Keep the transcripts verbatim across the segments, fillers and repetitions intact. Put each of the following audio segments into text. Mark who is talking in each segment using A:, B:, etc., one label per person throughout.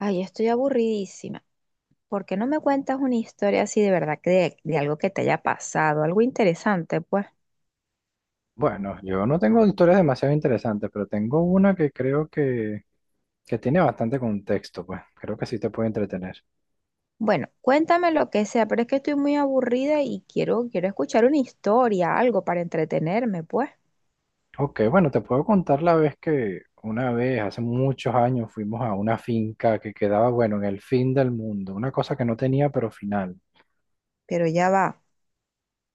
A: Ay, estoy aburridísima. ¿Por qué no me cuentas una historia así de verdad, que de, de algo que te haya pasado, algo interesante, pues?
B: Bueno, yo no tengo historias demasiado interesantes, pero tengo una que creo que, que tiene bastante contexto, pues creo que sí te puede entretener.
A: Bueno, cuéntame lo que sea, pero es que estoy muy aburrida y quiero, quiero escuchar una historia, algo para entretenerme, pues.
B: Ok, bueno, te puedo contar la vez que una vez, hace muchos años, fuimos a una finca que quedaba, bueno, en el fin del mundo, una cosa que no tenía pero final.
A: Pero ya va,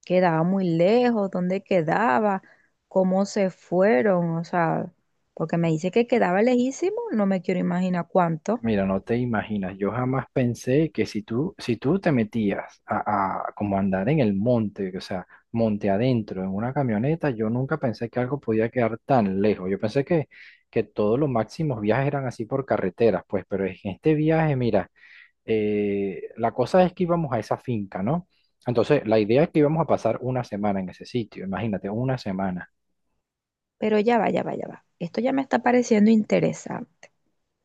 A: quedaba muy lejos, ¿dónde quedaba? ¿Cómo se fueron? O sea, porque me dice que quedaba lejísimo, no me quiero imaginar cuánto.
B: Mira, no te imaginas, yo jamás pensé que si tú, si tú te metías a, a como andar en el monte, o sea, monte adentro en una camioneta, yo nunca pensé que algo podía quedar tan lejos. Yo pensé que, que todos los máximos viajes eran así por carreteras, pues, pero en este viaje, mira, eh, la cosa es que íbamos a esa finca, ¿no? Entonces, la idea es que íbamos a pasar una semana en ese sitio, imagínate, una semana.
A: Pero ya va, ya va, ya va. Esto ya me está pareciendo interesante.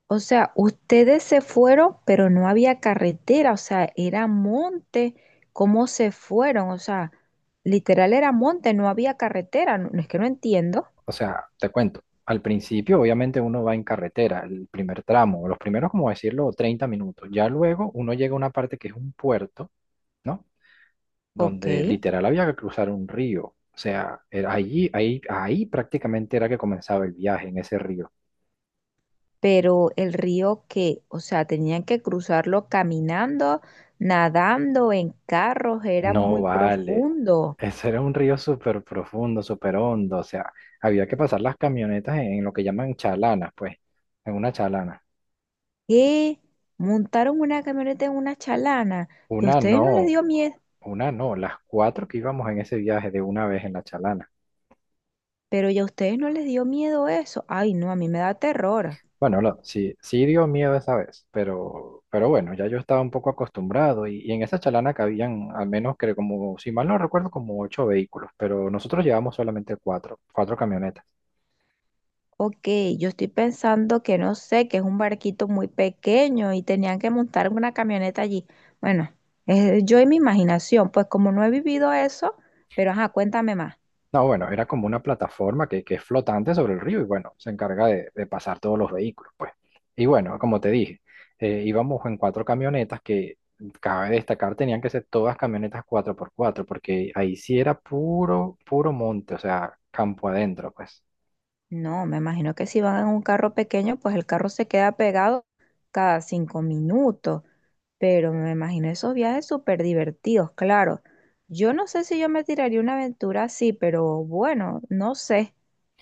A: O sea, ustedes se fueron, pero no había carretera, o sea, era monte. ¿Cómo se fueron? O sea, literal era monte, no había carretera. No, no es que no entiendo,
B: o sea, te cuento, al principio obviamente uno va en carretera, el primer tramo, los primeros, como decirlo, treinta minutos. Ya luego uno llega a una parte que es un puerto, ¿no?
A: ok.
B: Donde literal había que cruzar un río. O sea, era allí, ahí, ahí prácticamente era que comenzaba el viaje en ese río.
A: Pero el río que, o sea, tenían que cruzarlo caminando, nadando, en carros, era
B: No,
A: muy
B: vale.
A: profundo.
B: Ese era un río súper profundo, súper hondo. O sea, había que pasar las camionetas en, en lo que llaman chalanas, pues, en una chalana.
A: ¿Qué? Montaron una camioneta en una chalana y a
B: Una
A: ustedes no les
B: no,
A: dio miedo,
B: Una no, las cuatro que íbamos en ese viaje de una vez en la chalana.
A: pero ya a ustedes no les dio miedo eso. Ay, no, a mí me da terror.
B: Bueno, no, sí, sí dio miedo esa vez, pero, pero bueno, ya yo estaba un poco acostumbrado y, y en esa chalana cabían al menos que como, si mal no recuerdo, como ocho vehículos, pero nosotros llevamos solamente cuatro, cuatro camionetas.
A: Ok, yo estoy pensando que no sé, que es un barquito muy pequeño y tenían que montar una camioneta allí. Bueno, es yo y mi imaginación, pues como no he vivido eso, pero ajá, cuéntame más.
B: No, bueno, era como una plataforma que, que es flotante sobre el río y bueno, se encarga de, de pasar todos los vehículos, pues. Y bueno, como te dije, eh, íbamos en cuatro camionetas que, cabe destacar, tenían que ser todas camionetas cuatro por cuatro porque ahí sí era puro, puro monte, o sea, campo adentro, pues.
A: No, me imagino que si van en un carro pequeño, pues el carro se queda pegado cada cinco minutos, pero me imagino esos viajes súper divertidos, claro. Yo no sé si yo me tiraría una aventura así, pero bueno, no sé,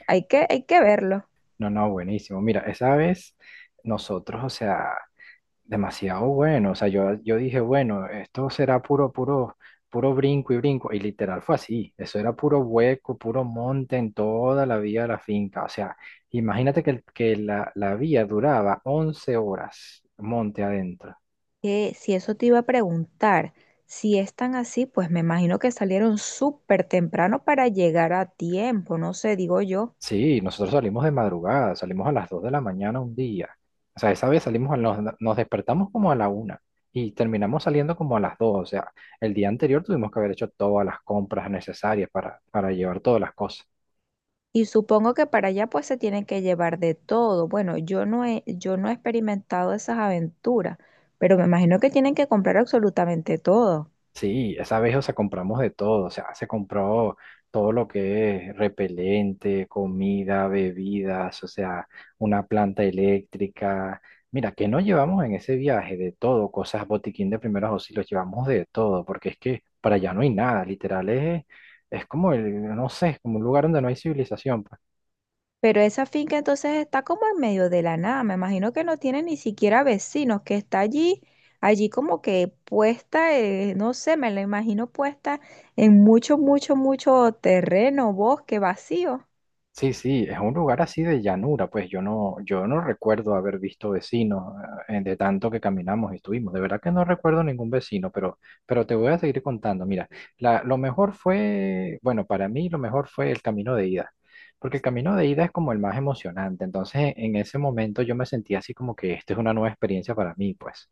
A: hay que, hay que verlo.
B: No, no, buenísimo. Mira, esa vez nosotros, o sea, demasiado bueno. O sea, yo, yo dije, bueno, esto será puro, puro, puro brinco y brinco. Y literal fue así. Eso era puro hueco, puro monte en toda la vía de la finca. O sea, imagínate que, el- que la, la vía duraba once horas monte adentro.
A: Que si eso te iba a preguntar, si es tan así, pues me imagino que salieron súper temprano para llegar a tiempo, no sé, digo yo.
B: Sí, nosotros salimos de madrugada, salimos a las dos de la mañana un día. O sea, esa vez salimos, a, nos, nos despertamos como a la una y terminamos saliendo como a las dos. O sea, el día anterior tuvimos que haber hecho todas las compras necesarias para, para llevar todas las cosas.
A: Y supongo que para allá pues se tienen que llevar de todo. Bueno, yo no he, yo no he experimentado esas aventuras, pero me imagino que tienen que comprar absolutamente todo.
B: Sí, esa vez, o sea, compramos de todo, o sea, se compró todo lo que es repelente, comida, bebidas, o sea, una planta eléctrica. Mira, que no llevamos en ese viaje de todo, cosas, botiquín de primeros auxilios, llevamos de todo, porque es que para allá no hay nada, literal, es, es como el, no sé, es como un lugar donde no hay civilización, pues.
A: Pero esa finca entonces está como en medio de la nada. Me imagino que no tiene ni siquiera vecinos, que está allí, allí como que puesta, eh, no sé, me la imagino puesta en mucho, mucho, mucho terreno, bosque vacío.
B: Sí, sí, es un lugar así de llanura, pues yo no, yo no recuerdo haber visto vecinos eh, de tanto que caminamos y estuvimos. De verdad que no recuerdo ningún vecino, pero, pero te voy a seguir contando. Mira, la, lo mejor fue, bueno, para mí lo mejor fue el camino de ida, porque el camino de ida es como el más emocionante. Entonces, en ese momento yo me sentía así como que esta es una nueva experiencia para mí, pues.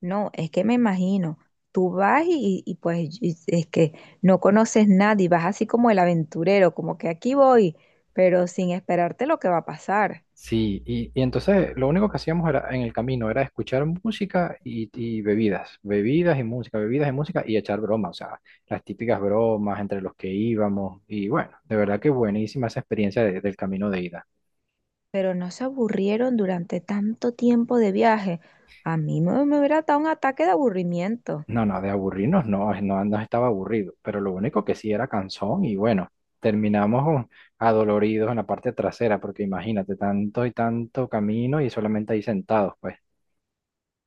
A: No, es que me imagino. Tú vas y, y pues y- es que no conoces nadie, vas así como el aventurero, como que aquí voy, pero sin esperarte lo que va a pasar.
B: Sí, y, y entonces lo único que hacíamos era, en el camino era escuchar música y, y bebidas, bebidas y música, bebidas y música y echar bromas, o sea, las típicas bromas entre los que íbamos y bueno, de verdad que buenísima esa experiencia de- del camino de ida.
A: Pero no se aburrieron durante tanto tiempo de viaje. A mí me, me hubiera dado un ataque de aburrimiento.
B: No, no, de aburrirnos no, no, no estaba aburrido, pero lo único que sí era cansón y bueno, terminamos con- adoloridos en la parte trasera porque imagínate, tanto y tanto camino y solamente ahí sentados, pues.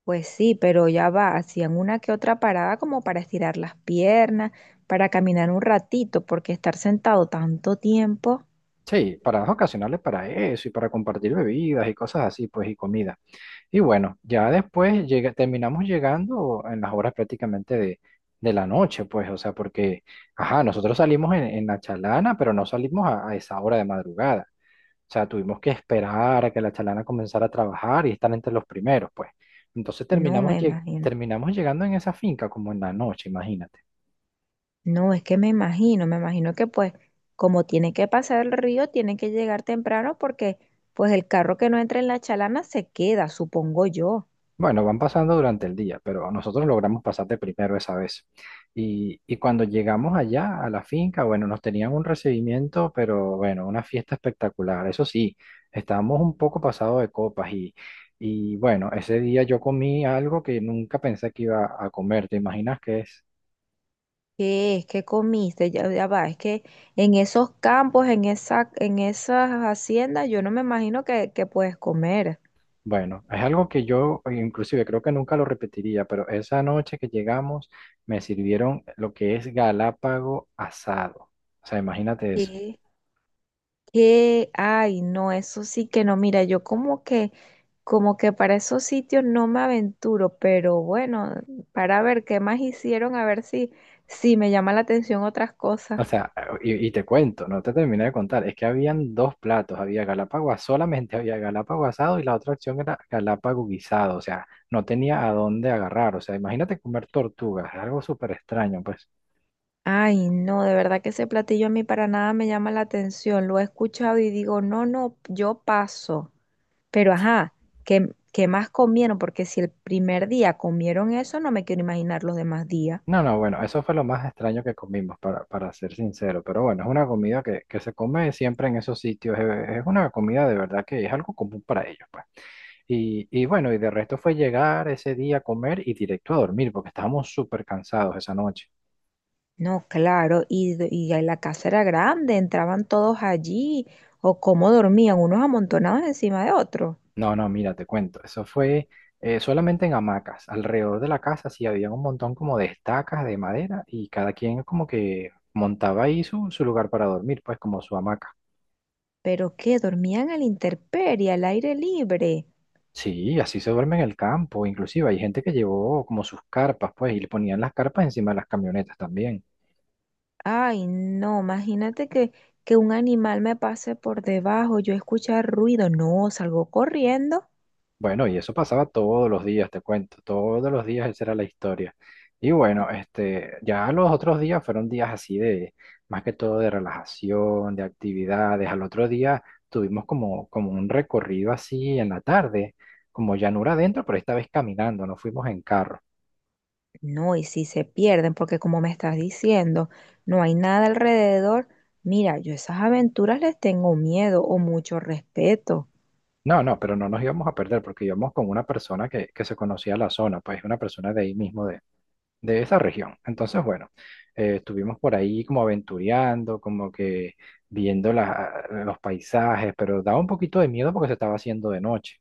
A: Pues sí, pero ya va, hacían una que otra parada como para estirar las piernas, para caminar un ratito, porque estar sentado tanto tiempo,
B: Sí, paradas ocasionales para eso y para compartir bebidas y cosas así, pues, y comida. Y bueno, ya después llega, terminamos llegando en las horas prácticamente de, de la noche, pues, o sea, porque, ajá, nosotros salimos en, en la chalana, pero no salimos a, a esa hora de madrugada. O sea, tuvimos que esperar a que la chalana comenzara a trabajar y estar entre los primeros, pues. Entonces
A: no
B: terminamos,
A: me
B: lleg-
A: imagino.
B: terminamos llegando en esa finca como en la noche, imagínate.
A: No, es que me imagino, me imagino que pues como tiene que pasar el río, tiene que llegar temprano porque pues el carro que no entra en la chalana se queda, supongo yo.
B: Bueno, van pasando durante el día, pero nosotros logramos pasar de primero esa vez. Y, y cuando llegamos allá a la finca, bueno, nos tenían un recibimiento, pero bueno, una fiesta espectacular. Eso sí, estábamos un poco pasados de copas y, y bueno, ese día yo comí algo que nunca pensé que iba a comer. ¿Te imaginas qué es?
A: ¿Qué es? ¿Qué comiste? Ya, ya va, es que en esos campos, en esa, en esas haciendas, yo no me imagino que, que puedes comer.
B: Bueno, es algo que yo eh, inclusive creo que nunca lo repetiría, pero esa noche que llegamos me sirvieron lo que es galápago asado. O sea, imagínate eso.
A: ¿Qué? ¿Qué? Ay, no, eso sí que no. Mira, yo como que, como que para esos sitios no me aventuro, pero bueno, para ver qué más hicieron, a ver si, si me llama la atención otras cosas.
B: O sea, y, y te cuento, no te terminé de contar, es que habían dos platos, había galápagos, solamente había galápagos asado y la otra opción era galápagos guisado, o sea, no tenía a dónde agarrar, o sea, imagínate comer tortugas, es algo súper extraño, pues.
A: Ay, no, de verdad que ese platillo a mí para nada me llama la atención. Lo he escuchado y digo, no, no, yo paso. Pero ajá, ¿qué, qué más comieron? Porque si el primer día comieron eso, no me quiero imaginar los demás días.
B: No, no, bueno, eso fue lo más extraño que comimos, para, para ser sincero, pero bueno, es una comida que, que se come siempre en esos sitios, es, es una comida de verdad que es algo común para ellos, pues. Y, y bueno, y de resto fue llegar ese día a comer y directo a dormir, porque estábamos súper cansados esa noche.
A: No, claro, y, d- y ahí la casa era grande, entraban todos allí, o cómo dormían, unos amontonados encima de otros.
B: No, no, mira, te cuento. Eso fue eh, solamente en hamacas. Alrededor de la casa sí había un montón como de estacas de madera y cada quien como que montaba ahí su, su lugar para dormir, pues como su hamaca.
A: Pero qué, dormían a la intemperie, al aire libre.
B: Sí, así se duerme en el campo. Inclusive hay gente que llevó como sus carpas, pues, y le ponían las carpas encima de las camionetas también.
A: Ay, no, imagínate que, que un animal me pase por debajo, yo escuchar ruido, no, salgo corriendo.
B: Bueno, y eso pasaba todos los días, te cuento, todos los días esa era la historia. Y bueno, este, ya los otros días fueron días así de, más que todo de relajación, de actividades. Al otro día tuvimos como, como un recorrido así en la tarde, como llanura adentro, pero esta vez caminando, no fuimos en carro.
A: No, y si se pierden, porque como me estás diciendo, no hay nada alrededor. Mira, yo esas aventuras les tengo miedo o mucho respeto.
B: No, no, pero no nos íbamos a perder porque íbamos con una persona que, que se conocía la zona, pues una persona de ahí mismo de esa región. Entonces, bueno, eh, estuvimos por ahí como aventureando, como que viendo la- los paisajes, pero daba un poquito de miedo porque se estaba haciendo de noche.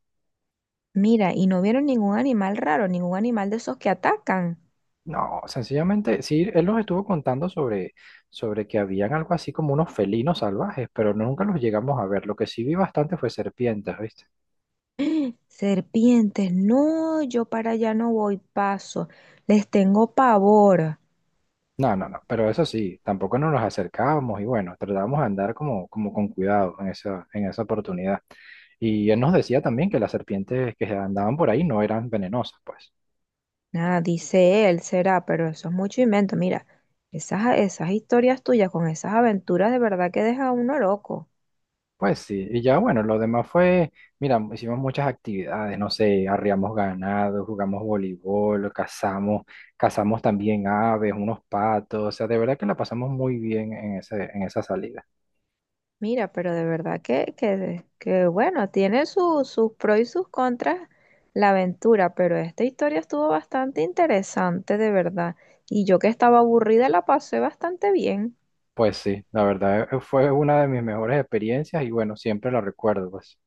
A: Mira, y no vieron ningún animal raro, ningún animal de esos que atacan.
B: No, sencillamente, sí, él nos estuvo contando sobre, sobre que habían algo así como unos felinos salvajes, pero nunca los llegamos a ver. Lo que sí vi bastante fue serpientes, ¿viste?
A: Serpientes, no, yo para allá no voy, paso. Les tengo pavor.
B: No, no, no, pero eso sí, tampoco nos los acercábamos y bueno, tratábamos de andar como, como con cuidado en esa, en esa oportunidad. Y él nos decía también que las serpientes que andaban por ahí no eran venenosas, pues.
A: Nada, dice él, será, pero eso es mucho invento. Mira, esas, esas historias tuyas con esas aventuras de verdad que deja a uno loco.
B: Pues sí, y ya bueno, lo demás fue, mira, hicimos muchas actividades, no sé, arriamos ganado, jugamos voleibol, cazamos, cazamos también aves, unos patos, o sea, de verdad que la pasamos muy bien en ese, en esa salida.
A: Mira, pero de verdad que, que, que bueno, tiene su- sus pros y sus contras la aventura, pero esta historia estuvo bastante interesante, de verdad. Y yo que estaba aburrida la pasé bastante bien.
B: Pues sí, la verdad eh, fue una de mis mejores experiencias y bueno, siempre la recuerdo, pues.